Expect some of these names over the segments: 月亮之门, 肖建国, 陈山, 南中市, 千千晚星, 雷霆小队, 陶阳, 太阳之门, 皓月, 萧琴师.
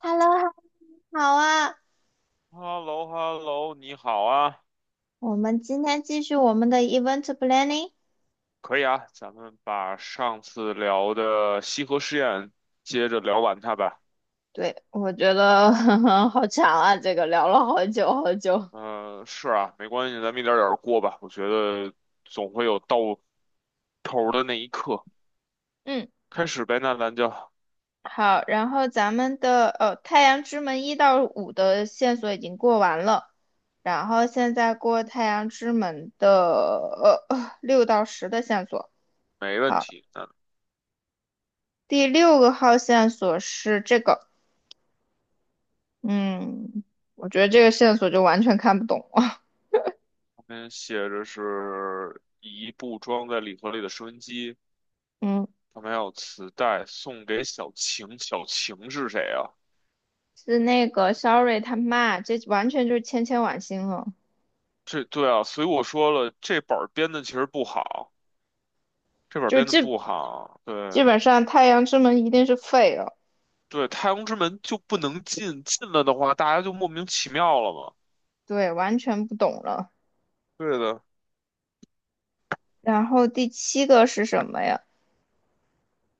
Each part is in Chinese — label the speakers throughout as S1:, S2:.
S1: Hello,好啊，
S2: h e l l o h e l l o 你好啊。
S1: 我们今天继续我们的 event planning。
S2: 可以啊，咱们把上次聊的西河实验接着聊完它吧。
S1: 对，我觉得 好长啊，这个聊了好久好久。
S2: 嗯、是啊，没关系，咱们一点儿点儿过吧。我觉得总会有到头儿的那一刻。
S1: 嗯，
S2: 开始呗，那咱就
S1: 好，然后咱们的《太阳之门》一到五的线索已经过完了，然后现在过《太阳之门》的六到十的线索。
S2: 没问
S1: 好，
S2: 题。那
S1: 第六个号线索是这个，嗯，我觉得这个线索就完全看不懂。
S2: 旁边写着是一部装在礼盒里的收音机，
S1: 嗯。
S2: 旁边还有磁带，送给小晴。小晴是谁啊？
S1: 是那个 Sorry 他妈，这完全就是千千晚星了，
S2: 这对啊，所以我说了，这本儿编的其实不好。这本儿
S1: 就
S2: 编的
S1: 基
S2: 不好，对。
S1: 基本上太阳之门一定是废了，
S2: 对，太阳之门就不能进，进了的话，大家就莫名其妙了嘛。
S1: 对，完全不懂了。
S2: 对的。
S1: 然后第七个是什么呀？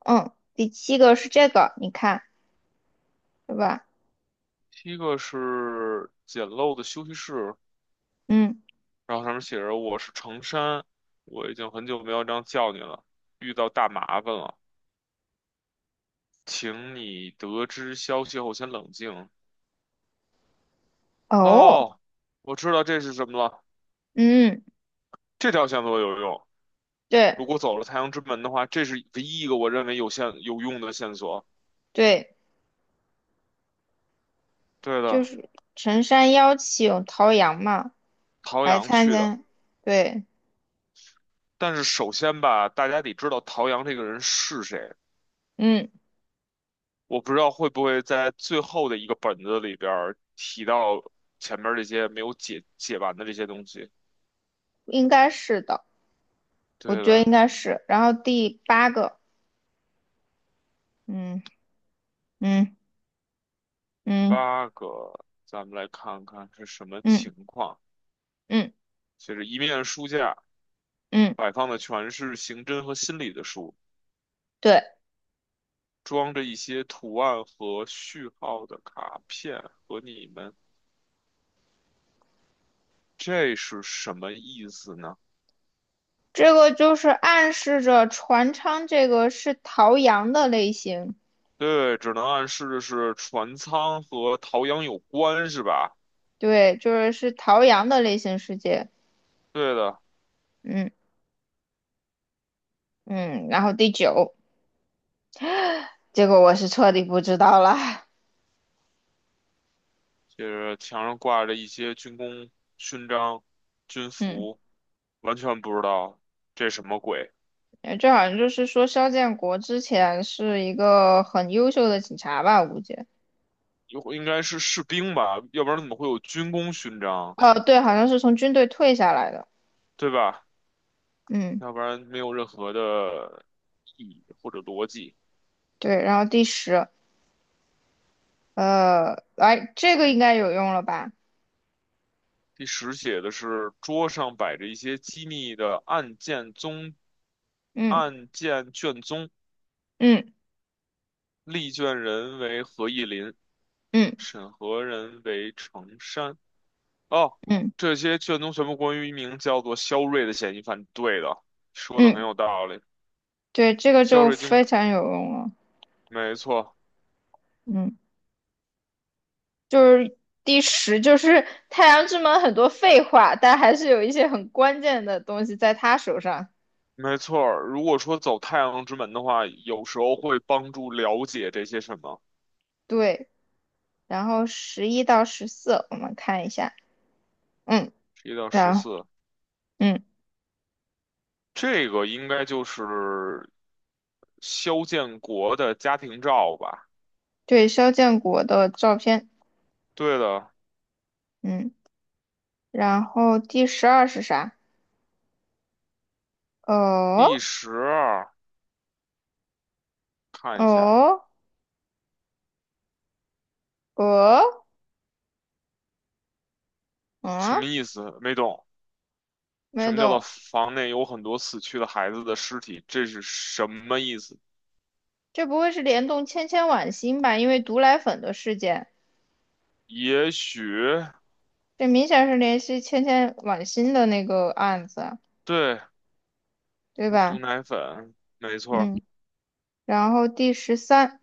S1: 嗯，第七个是这个，你看，对吧？
S2: 第一个是简陋的休息室，
S1: 嗯，
S2: 然后上面写着“我是程山”，我已经很久没有这样叫你了，遇到大麻烦了，请你得知消息后先冷静。
S1: 哦，
S2: 哦，我知道这是什么了，
S1: 嗯，
S2: 这条线索有用。
S1: 对
S2: 如果走了太阳之门的话，这是唯一一个我认为有线有用的线索。
S1: 对，
S2: 对
S1: 就
S2: 的，
S1: 是陈山邀请陶阳嘛
S2: 陶
S1: 来
S2: 阳
S1: 参
S2: 去的。
S1: 加，对，
S2: 但是首先吧，大家得知道陶阳这个人是谁。
S1: 嗯，
S2: 我不知道会不会在最后的一个本子里边儿提到前面这些没有解完的这些东西。
S1: 应该是的，我
S2: 对
S1: 觉得
S2: 了，
S1: 应该是。然后第八个，嗯嗯嗯
S2: 八个，咱们来看看是什么
S1: 嗯
S2: 情况。
S1: 嗯。
S2: 就是一面书架
S1: 嗯，
S2: 摆放的全是刑侦和心理的书，
S1: 对，
S2: 装着一些图案和序号的卡片和你们，这是什么意思呢？
S1: 这个就是暗示着船舱这个是陶阳的类型，
S2: 对，只能暗示的是船舱和陶阳有关，是吧？
S1: 对，就是是陶阳的类型世界。
S2: 对的。
S1: 嗯嗯，然后第九，结果我是彻底不知道了。
S2: 就是墙上挂着一些军功勋章、军
S1: 嗯，
S2: 服，完全不知道这什么鬼。
S1: 这好像就是说肖建国之前是一个很优秀的警察吧，我估计。
S2: 有应该是士兵吧，要不然怎么会有军功勋章，
S1: 哦，对，好像是从军队退下来的。
S2: 对吧？
S1: 嗯，
S2: 要不然没有任何的意义或者逻辑。
S1: 对，然后第十，呃，来，这个应该有用了吧？
S2: 第十写的是桌上摆着一些机密的
S1: 嗯
S2: 案件卷宗，
S1: 嗯
S2: 立卷人为何意林。
S1: 嗯
S2: 审核人为成山。哦，
S1: 嗯
S2: 这些卷宗全部关于一名叫做肖瑞的嫌疑犯。对的，说的很
S1: 嗯
S2: 有道理。
S1: 对，这个
S2: 肖
S1: 就
S2: 瑞经，
S1: 非常有用了。
S2: 没错。
S1: 嗯，就是第十，就是太阳之门很多废话，但还是有一些很关键的东西在他手上。
S2: 没错儿，如果说走太阳之门的话，有时候会帮助了解这些什么。
S1: 对，然后十一到十四，我们看一下。嗯，
S2: 一到十
S1: 然
S2: 四，
S1: 嗯，
S2: 这个应该就是肖建国的家庭照吧？
S1: 对，肖建国的照片。
S2: 对的。
S1: 嗯，然后第十二是啥？
S2: 第
S1: 哦
S2: 十二，看一下
S1: 哦哦，
S2: 什么
S1: 嗯，
S2: 意思？没懂。
S1: 没
S2: 什么叫做
S1: 懂，
S2: 房内有很多死去的孩子的尸体？这是什么意思？
S1: 这不会是联动千千晚星吧？因为毒奶粉的事件。
S2: 也许。
S1: 这明显是联系千千晚心的那个案子啊
S2: 对，
S1: 对
S2: 毒
S1: 吧？
S2: 奶粉，没错儿。
S1: 嗯，然后第十三，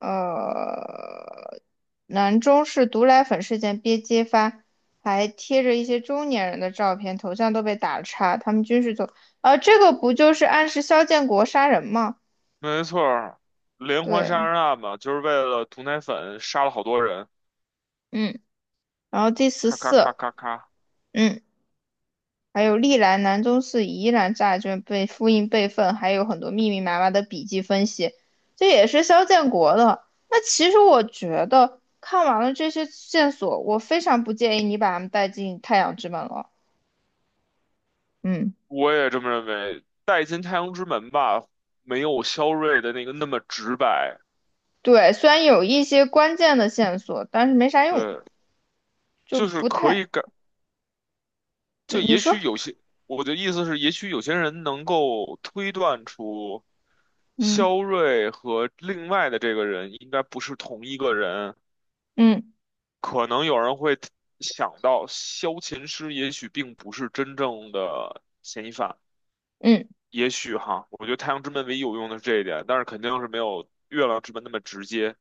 S1: 呃，南中市毒奶粉事件被揭发，还贴着一些中年人的照片，头像都被打叉，他们均是走，呃，这个不就是暗示肖建国杀人吗？
S2: 没错儿，连环杀
S1: 对，
S2: 人案嘛，就是为了毒奶粉杀了好多人，
S1: 嗯，然后第十
S2: 咔咔咔
S1: 四。
S2: 咔咔。
S1: 嗯。还有历来南中市疑难债券被复印备份，还有很多密密麻麻的笔记分析，这也是肖建国的。那其实我觉得看完了这些线索，我非常不建议你把他们带进太阳之门了。嗯，
S2: 我也这么认为，《带进太阳之门》吧，没有肖瑞的那个那么直白。
S1: 对，虽然有一些关键的线索，但是没啥用，
S2: 对，
S1: 就
S2: 就是
S1: 不
S2: 可以
S1: 太，
S2: 感，
S1: 对，
S2: 就
S1: 你
S2: 也许
S1: 说，
S2: 有些，我的意思是，也许有些人能够推断出。
S1: 嗯
S2: 肖瑞和另外的这个人应该不是同一个人，
S1: 嗯
S2: 可能有人会想到萧琴师也许并不是真正的嫌疑犯，
S1: 嗯，
S2: 也许哈，我觉得太阳之门唯一有用的是这一点，但是肯定是没有月亮之门那么直接。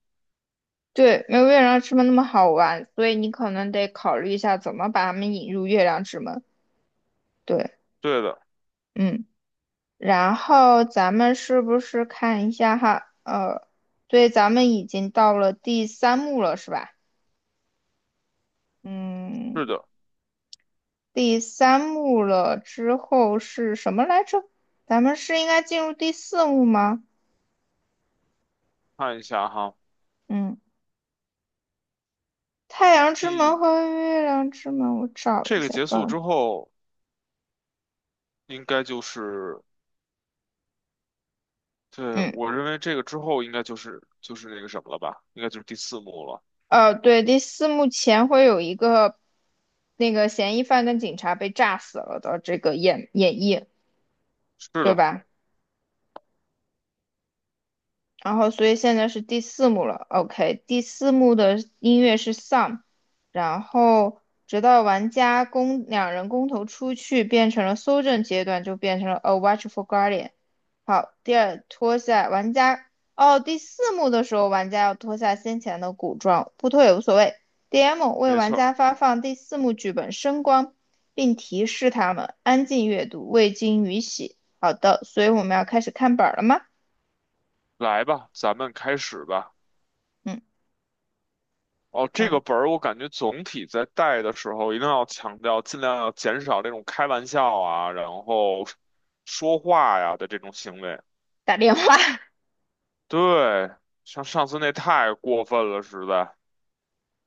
S1: 对，没有月亮之门那么好玩，所以你可能得考虑一下怎么把他们引入月亮之门。对，
S2: 对的。
S1: 嗯。然后咱们是不是看一下哈？呃，对，咱们已经到了第三幕了，是吧？嗯，
S2: 是的。
S1: 第三幕了之后是什么来着？咱们是应该进入第四幕吗？
S2: 看一下哈，
S1: 嗯，太阳之门
S2: 第，
S1: 和月亮之门，我找一
S2: 这个
S1: 下
S2: 结束
S1: 吧。
S2: 之后，应该就是，对，
S1: 嗯，
S2: 我认为这个之后应该就是那个什么了吧，应该就是第四幕了。
S1: 呃，对，第四幕前会有一个那个嫌疑犯跟警察被炸死了的这个演绎，
S2: 是
S1: 对
S2: 的，
S1: 吧？然后所以现在是第四幕了，OK，第四幕的音乐是 Some，然后直到玩家公两人公投出去变成了搜证阶段，就变成了 A Watch for Guardian。好，第二脱下玩家，哦，第四幕的时候玩家要脱下先前的古装，不脱也无所谓。DM 为
S2: 没
S1: 玩
S2: 错儿。
S1: 家发放第四幕剧本声光，并提示他们安静阅读，未经允许。好的，所以我们要开始看本儿了吗？
S2: 来吧，咱们开始吧。
S1: 嗯。
S2: 哦，这个
S1: 然
S2: 本儿我感觉总体在带的时候，一定要强调，尽量要减少这种开玩笑啊，然后说话呀的这种行为。
S1: 打电话，
S2: 对，像上次那太过分了，实在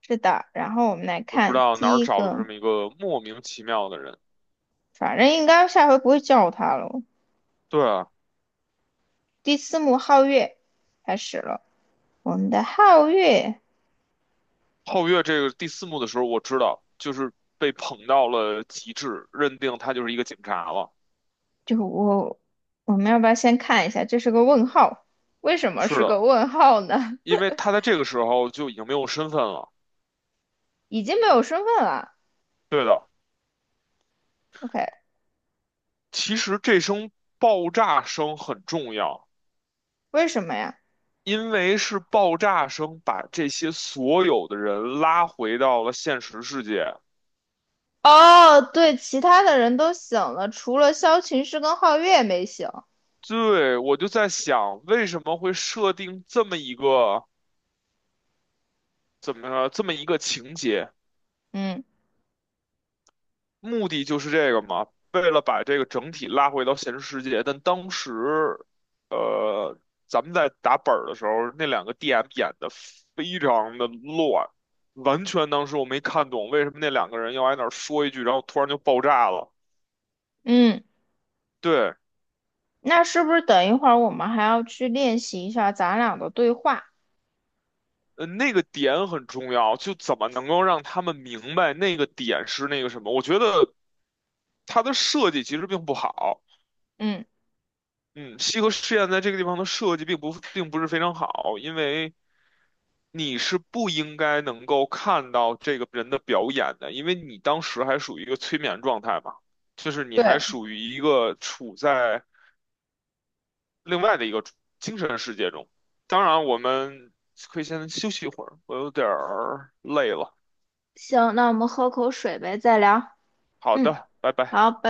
S1: 是的。然后我们来
S2: 都不知
S1: 看
S2: 道哪儿
S1: 第一
S2: 找的这
S1: 个，
S2: 么一个莫名其妙的人。
S1: 反正应该下回不会叫他了。
S2: 对啊，
S1: 第四幕皓月开始了，我们的皓月
S2: 后月这个第四幕的时候，我知道就是被捧到了极致，认定他就是一个警察了。
S1: 就我，我们要不要先看一下？这是个问号，为什么
S2: 是
S1: 是
S2: 的，
S1: 个问号呢？
S2: 因为他在这个时候就已经没有身份了。
S1: 已经没有身份了。
S2: 对的。
S1: OK，
S2: 其实这声爆炸声很重要，
S1: 为什么呀？
S2: 因为是爆炸声把这些所有的人拉回到了现实世界。
S1: 哦，对，其他的人都醒了，除了萧琴师跟皓月没醒。
S2: 对，我就在想，为什么会设定这么一个怎么这么一个情节？
S1: 嗯
S2: 目的就是这个嘛，为了把这个整体拉回到现实世界。但当时，呃，咱们在打本儿的时候，那两个 DM 演的非常的乱，完全当时我没看懂为什么那两个人要挨那儿说一句，然后突然就爆炸了。
S1: 嗯，
S2: 对，
S1: 那是不是等一会儿我们还要去练习一下咱俩的对话？
S2: 那个点很重要，就怎么能够让他们明白那个点是那个什么？我觉得它的设计其实并不好。
S1: 嗯，
S2: 嗯，西河试验在这个地方的设计并不是非常好，因为你是不应该能够看到这个人的表演的，因为你当时还属于一个催眠状态嘛，就是你
S1: 对，
S2: 还属于一个处在另外的一个精神世界中。当然，我们可以先休息一会儿，我有点儿累了。
S1: 行，那我们喝口水呗，再聊。
S2: 好
S1: 嗯，
S2: 的，拜拜。
S1: 好，拜。